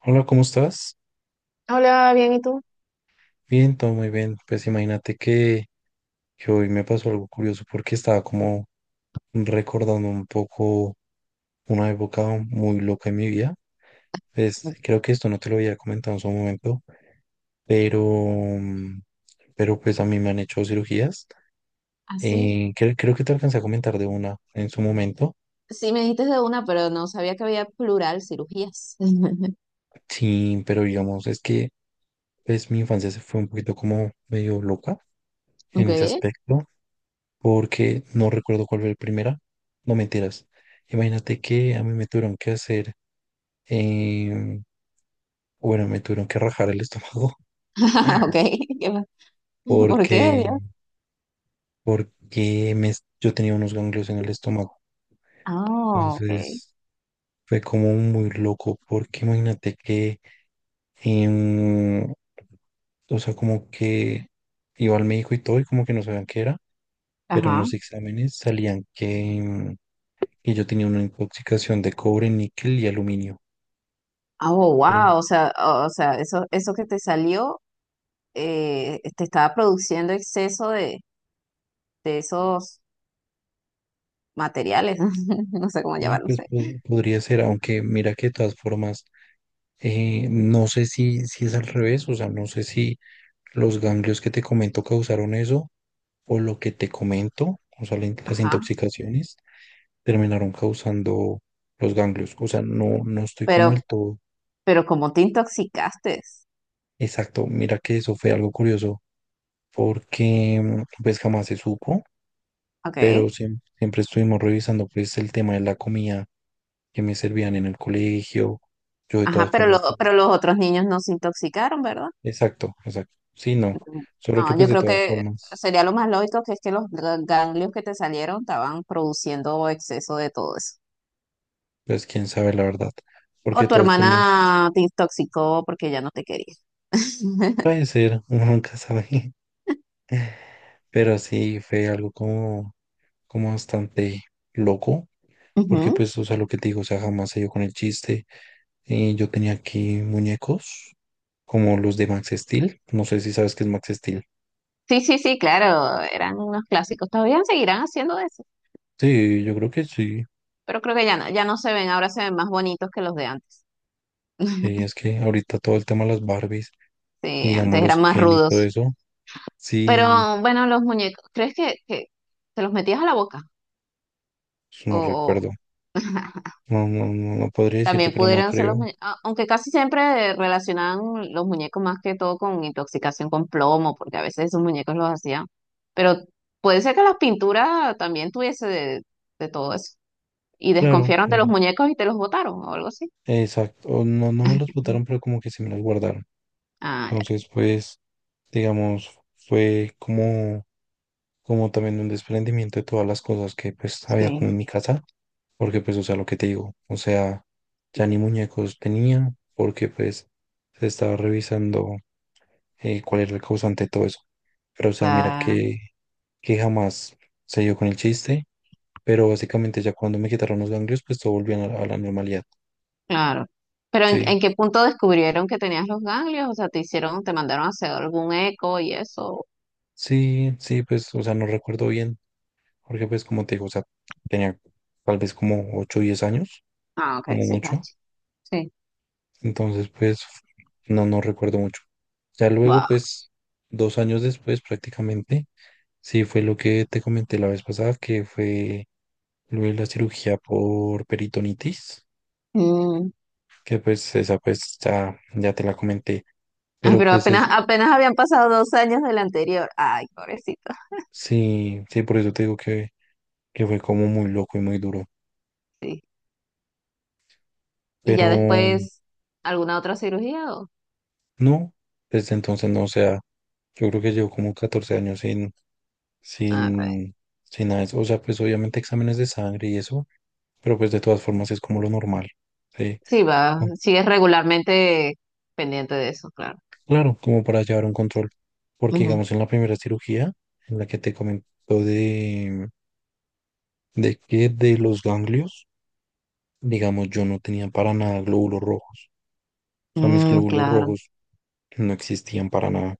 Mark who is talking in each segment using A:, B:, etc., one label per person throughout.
A: Hola, ¿cómo estás?
B: Hola, bien, ¿y tú?
A: Bien, todo muy bien. Pues imagínate que hoy me pasó algo curioso porque estaba como recordando un poco una época muy loca en mi vida. Pues creo que esto no te lo había comentado en su momento, pero, mm, pero pues a mí me han hecho cirugías.
B: Así,
A: Creo que te alcancé a comentar de una en su momento.
B: sí me dijiste de una, pero no sabía que había plural cirugías.
A: Sí, pero digamos, es que pues mi infancia se fue un poquito como medio loca en
B: Ok,
A: ese aspecto. Porque no recuerdo cuál fue el primera. No, mentiras. Imagínate que a mí me tuvieron que hacer, em, bueno, me tuvieron que rajar el estómago.
B: ok, ¿qué más? ¿Por qué, Dios?
A: porque, porque yo tenía unos ganglios en el estómago.
B: Ah, ok,
A: Entonces fue como muy loco porque imagínate que, em, o sea, como que iba al médico y todo y como que no sabían qué era, pero en
B: ajá.
A: los exámenes salían que, em, que yo tenía una intoxicación de cobre, níquel y aluminio.
B: Ah, oh,
A: Eh,
B: wow, o sea, o sea, eso que te salió, te estaba produciendo exceso de esos materiales, no sé cómo
A: Y
B: llamarlo, no
A: pues
B: sé.
A: podría ser, aunque mira que de todas formas, no sé si es al revés, o sea, no sé si los ganglios que te comento causaron eso, o lo que te comento, o sea, las
B: Ajá,
A: intoxicaciones terminaron causando los ganglios. O sea, no, no estoy como el
B: pero,
A: todo
B: pero como te intoxicaste,
A: exacto. Mira que eso fue algo curioso, porque pues jamás se supo, pero
B: ok,
A: siempre estuvimos revisando pues el tema de la comida que me servían en el colegio. Yo de
B: ajá,
A: todas
B: pero,
A: formas
B: lo- pero los otros niños no se intoxicaron, ¿verdad?
A: exacto, exacto. Sí, no. Solo que
B: No,
A: pues
B: yo
A: de
B: creo
A: todas
B: que sería lo
A: formas,
B: más lógico que es que los ganglios que te salieron estaban produciendo exceso de todo eso.
A: pues quién sabe la verdad. Porque
B: O
A: de
B: tu
A: todas formas
B: hermana te intoxicó porque ya no te quería.
A: puede ser, uno nunca sabe. Pero sí fue algo como, como bastante loco. Porque
B: Ujú.
A: pues, o sea, lo que te digo, o sea, jamás se dio con el chiste. Yo tenía aquí muñecos como los de Max Steel. No sé si sabes qué es Max Steel.
B: Sí, sí, sí, claro, eran unos clásicos. Todavía seguirán haciendo eso,
A: Sí, yo creo que sí.
B: pero creo que ya no, ya no se ven, ahora se ven más bonitos que los de antes.
A: Sí, es que ahorita todo el tema de las Barbies y
B: Sí,
A: digamos
B: antes eran
A: los
B: más
A: Ken y todo
B: rudos.
A: eso, sí,
B: Pero bueno, los muñecos, ¿crees que te los metías a la boca? O,
A: no
B: o-
A: recuerdo. No, no, no, no podría decirte,
B: También
A: pero no
B: pudieran ser los
A: creo.
B: muñecos, aunque casi siempre relacionaban los muñecos más que todo con intoxicación con plomo, porque a veces esos muñecos los hacían. Pero puede ser que las pinturas también tuviese de todo eso. Y
A: Claro,
B: desconfiaron de los
A: claro.
B: muñecos y te los botaron o algo así.
A: Exacto. O no, no me los botaron, pero como que se me los guardaron.
B: Ah, ya.
A: Entonces, pues, digamos, fue como también un desprendimiento de todas las cosas que pues había como
B: Sí,
A: en mi casa. Porque pues, o sea, lo que te digo, o sea, ya ni muñecos tenía, porque pues se estaba revisando cuál era el causante de todo eso. Pero, o sea, mira
B: claro,
A: que, jamás se dio con el chiste. Pero básicamente ya cuando me quitaron los ganglios, pues todo volvió a la normalidad.
B: claro. Pero en-
A: Sí,
B: en qué punto descubrieron que tenías los ganglios? O sea, te hicieron, te mandaron a hacer algún eco y eso.
A: sí, sí, pues, o sea, no recuerdo bien, porque pues como te digo, o sea, tenía tal vez como 8 o 10 años,
B: Ah, ok,
A: como
B: sí,
A: mucho,
B: Sí.
A: entonces pues no, no recuerdo mucho. Ya luego, pues, 2 años después prácticamente, sí fue lo que te comenté la vez pasada, que fue lo de la cirugía por peritonitis,
B: Wow.
A: que pues esa pues ya, ya te la comenté,
B: Ah,
A: pero
B: pero
A: pues
B: apenas,
A: es,
B: apenas habían pasado 2 años del anterior. Ay, pobrecito.
A: sí, sí, por eso te digo que fue como muy loco y muy duro.
B: Sí. Y
A: Pero
B: ya después, ¿alguna otra cirugía? ¿O?
A: no, desde entonces no, o sea, yo creo que llevo como 14 años sin,
B: Ah,
A: sin, sin nada de eso. O sea, pues obviamente exámenes de sangre y eso, pero pues de todas formas es como lo normal, ¿sí?
B: sí, va.
A: Mm,
B: Sigues regularmente pendiente de eso, claro.
A: Claro, como para llevar un control. Porque
B: Ujú.
A: digamos en la primera cirugía, en la que te comentó de, de que de los ganglios, digamos, yo no tenía para nada glóbulos rojos. O sea, mis
B: Mm,
A: glóbulos
B: claro.
A: rojos no existían para nada.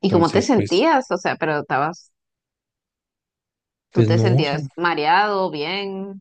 B: ¿Y cómo te
A: Entonces, pues,
B: sentías? O sea, pero estabas, ¿tú
A: pues
B: te
A: no, o sea,
B: sentías mareado, bien,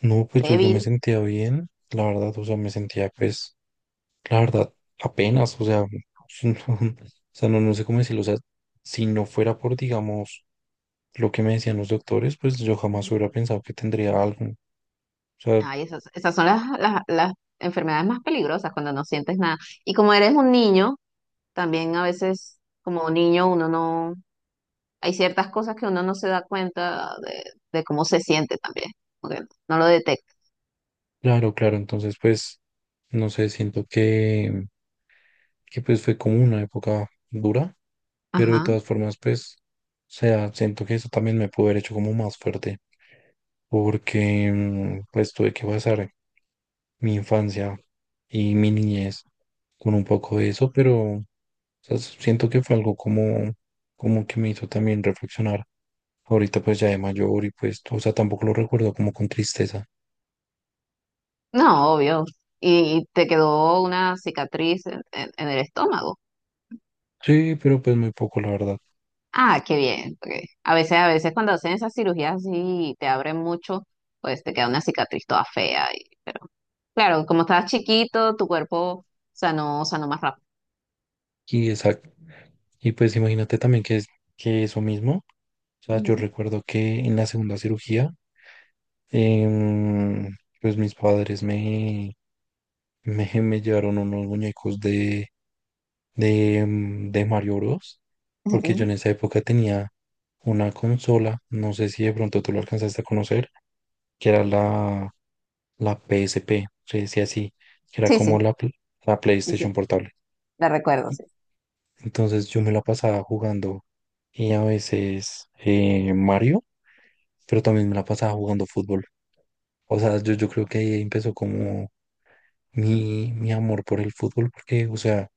A: no, pues yo, me
B: débil?
A: sentía bien, la verdad, o sea, me sentía, pues, la verdad, apenas, o sea, no, o sea, no, no sé cómo decirlo, o sea, si no fuera por, digamos, lo que me decían los doctores, pues yo jamás hubiera pensado que tendría algo. O sea,
B: Ay, esas son las enfermedades más peligrosas cuando no sientes nada. Y como eres un niño, también a veces, como niño, uno no. Hay ciertas cosas que uno no se da cuenta de cómo se siente también, porque no lo detecta.
A: claro, claro, entonces, pues, no sé, siento que, pues fue como una época dura, pero de
B: Ajá.
A: todas formas, pues, o sea, siento que eso también me pudo haber hecho como más fuerte. Porque pues tuve que pasar mi infancia y mi niñez con un poco de eso, pero o sea, siento que fue algo como, como que me hizo también reflexionar. Ahorita pues ya de mayor y pues, o sea, tampoco lo recuerdo como con tristeza.
B: No, obvio. Y te quedó una cicatriz en el estómago.
A: Sí, pero pues muy poco, la verdad.
B: Ah, qué bien, porque a veces cuando hacen esas cirugías así y te abren mucho, pues te queda una cicatriz toda fea. Pero claro, como estabas chiquito, tu cuerpo sanó, sanó más rápido.
A: Y exacto. Y pues imagínate también que es que eso mismo. O sea, yo
B: Ujú.
A: recuerdo que en la segunda cirugía, em, pues mis padres me llevaron unos muñecos de, de Mario Bros. Porque yo
B: Ok.
A: en esa época tenía una consola, no sé si de pronto tú lo alcanzaste a conocer, que era la, la PSP, se decía así, que era
B: Sí,
A: como
B: sí,
A: la, la
B: sí, sí.
A: PlayStation portable.
B: La recuerdo,
A: Y
B: sí.
A: Entonces yo me la pasaba jugando y a veces Mario, pero también me la pasaba jugando fútbol. O sea, yo, creo que ahí empezó como mi, amor por el fútbol, porque, o sea,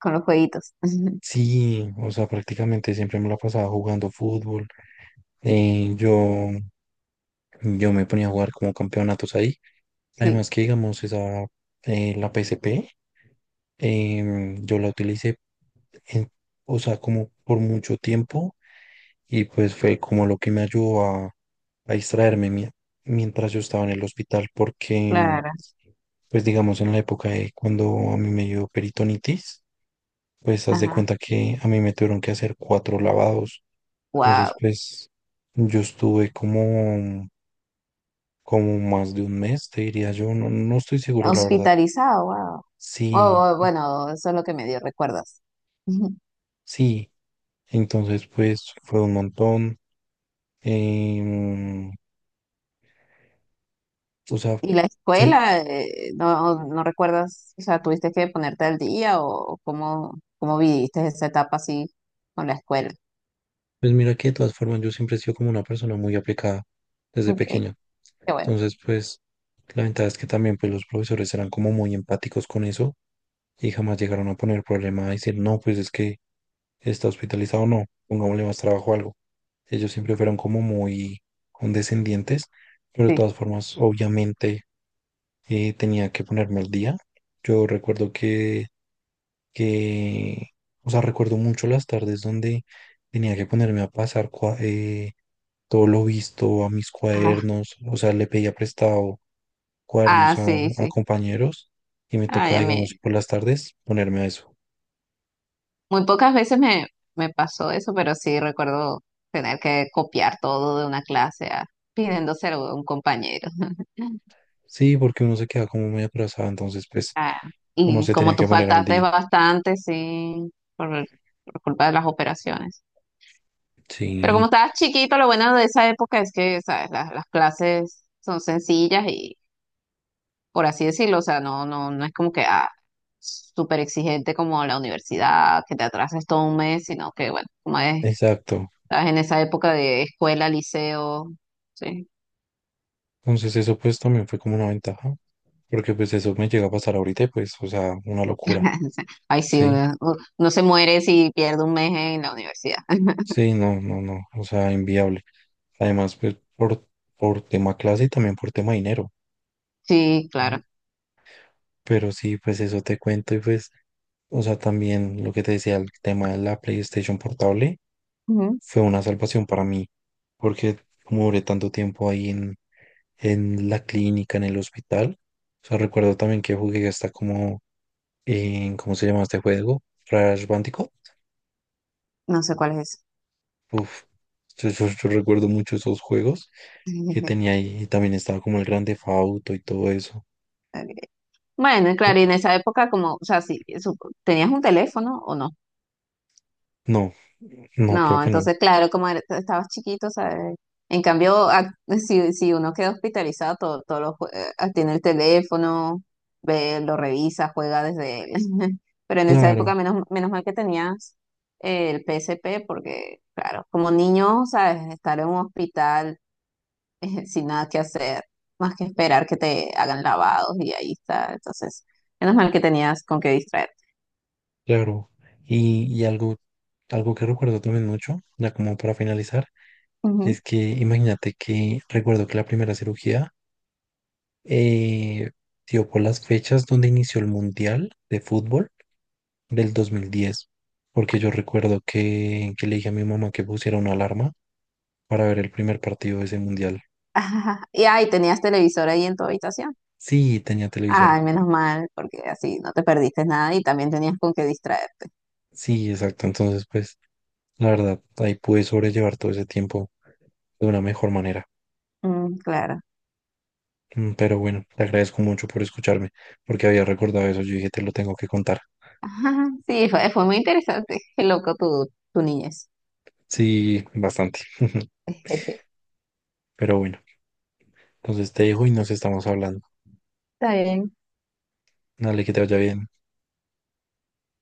B: Con los jueguitos.
A: sí, o sea, prácticamente siempre me la pasaba jugando fútbol. Eh, yo, yo me ponía a jugar como campeonatos ahí.
B: Sí,
A: Además que, digamos, la PSP, yo la utilicé, en- o sea, como por mucho tiempo y pues fue como lo que me ayudó a distraerme mientras yo estaba en el hospital porque,
B: claro.
A: pues digamos, en la época de cuando a mí me dio peritonitis, pues haz de
B: Ajá.
A: cuenta que a mí me tuvieron que hacer cuatro lavados. Entonces,
B: Wow.
A: pues yo estuve como... como más de un mes, te diría yo, no, no estoy seguro, la verdad.
B: Hospitalizado, wow.
A: Sí,
B: Oh, oh, bueno, eso es lo que me dio, ¿recuerdas?
A: sí. Entonces, pues fue un montón. em, o sea,
B: ¿Y la
A: se-
B: escuela? No recuerdas. O sea, ¿tuviste que ponerte al día o cómo, cómo viviste esa etapa así con la escuela?
A: pues mira que de todas formas yo siempre he sido como una persona muy aplicada desde
B: Ok,
A: pequeño.
B: qué bueno.
A: Entonces, pues la ventaja es que también pues los profesores eran como muy empáticos con eso y jamás llegaron a poner problema a decir, no, pues es que está hospitalizado o no, pongámosle más trabajo o algo. Ellos siempre fueron como muy condescendientes, pero de
B: Sí.
A: todas formas, obviamente, tenía que ponerme al día. Yo recuerdo que, que, o sea, recuerdo mucho las tardes donde tenía que ponerme a pasar todo lo visto a mis
B: Ah,
A: cuadernos, o sea, le pedía prestado
B: ah,
A: cuadernos
B: sí,
A: a
B: sí.
A: compañeros y me
B: Ay,
A: tocaba,
B: a mí
A: digamos, por las tardes ponerme a eso.
B: muy pocas veces me pasó eso, pero sí recuerdo tener que copiar todo de una clase a, pidiéndoselo a un compañero.
A: Sí, porque uno se queda como muy atrasado, entonces pues
B: Ah,
A: uno
B: y
A: se tenía
B: como tú
A: que poner al
B: faltaste
A: día.
B: bastante, sí, por culpa de las operaciones. Pero como
A: Sí,
B: estabas chiquito, lo bueno de esa época es que, ¿sabes? Las clases son sencillas y, por así decirlo, o sea, no es como que ah, súper exigente como la universidad, que te atrases todo un mes, sino que, bueno, como es,
A: exacto.
B: estás en esa época de escuela, liceo, sí.
A: Entonces eso pues también fue como una ventaja, porque pues eso me llega a pasar ahorita y pues, o sea, una locura.
B: Ay, sí,
A: Sí,
B: uno se muere si pierde un mes en la universidad.
A: sí, no, no, no, o sea, inviable. Además, pues por tema clase y también por tema dinero.
B: Sí,
A: Mm.
B: claro.
A: Pero sí, pues eso te cuento y pues, o sea, también lo que te decía, el tema de la PlayStation portable.
B: Ujú.
A: Fue una salvación para mí, porque como duré tanto tiempo ahí en la clínica, en el hospital, o sea, recuerdo también que jugué hasta como en, ¿cómo se llama este juego? Crash Bandicoot.
B: No sé cuál es.
A: Uf, yo, yo recuerdo mucho esos juegos que
B: Ok.
A: tenía ahí, y también estaba como el Grande Fauto y todo eso.
B: Bueno, claro, y en esa época como, o sea, sí, ¿tenías un teléfono o no?
A: No, no, creo
B: No,
A: que no.
B: entonces, claro, como estabas chiquito, ¿sabes? En cambio, si uno queda hospitalizado, todo, todo tiene el teléfono, ve, lo revisa, juega desde él. Pero en esa
A: Claro,
B: época, menos mal que tenías el PSP, porque, claro, como niño, ¿sabes? Estar en un hospital sin nada que hacer, más que esperar que te hagan lavados y ahí está. Entonces, menos mal que tenías con qué distraerte.
A: claro. Y, y algo, algo que recuerdo también mucho, ya como para finalizar,
B: Ujú.
A: es que imagínate que recuerdo que la primera cirugía eh, dio por las fechas donde inició el Mundial de Fútbol del 2010, porque yo recuerdo que, le dije a mi mamá que pusiera una alarma para ver el primer partido de ese Mundial.
B: Ajá. Y ahí tenías televisor ahí en tu habitación.
A: Sí, tenía televisor.
B: Ay, menos mal, porque así no te perdiste nada y también tenías con qué distraerte.
A: Sí, exacto. Entonces, pues, la verdad, ahí pude sobrellevar todo ese tiempo de una mejor manera.
B: Mm, claro.
A: Pero bueno, te agradezco mucho por escucharme, porque había recordado eso. Yo dije, te lo tengo que contar.
B: Ajá. Sí, fue muy interesante. Qué loco tu niñez.
A: Sí, bastante. Pero bueno. Entonces te dejo y nos estamos hablando.
B: Está bien.
A: Dale, que te vaya bien.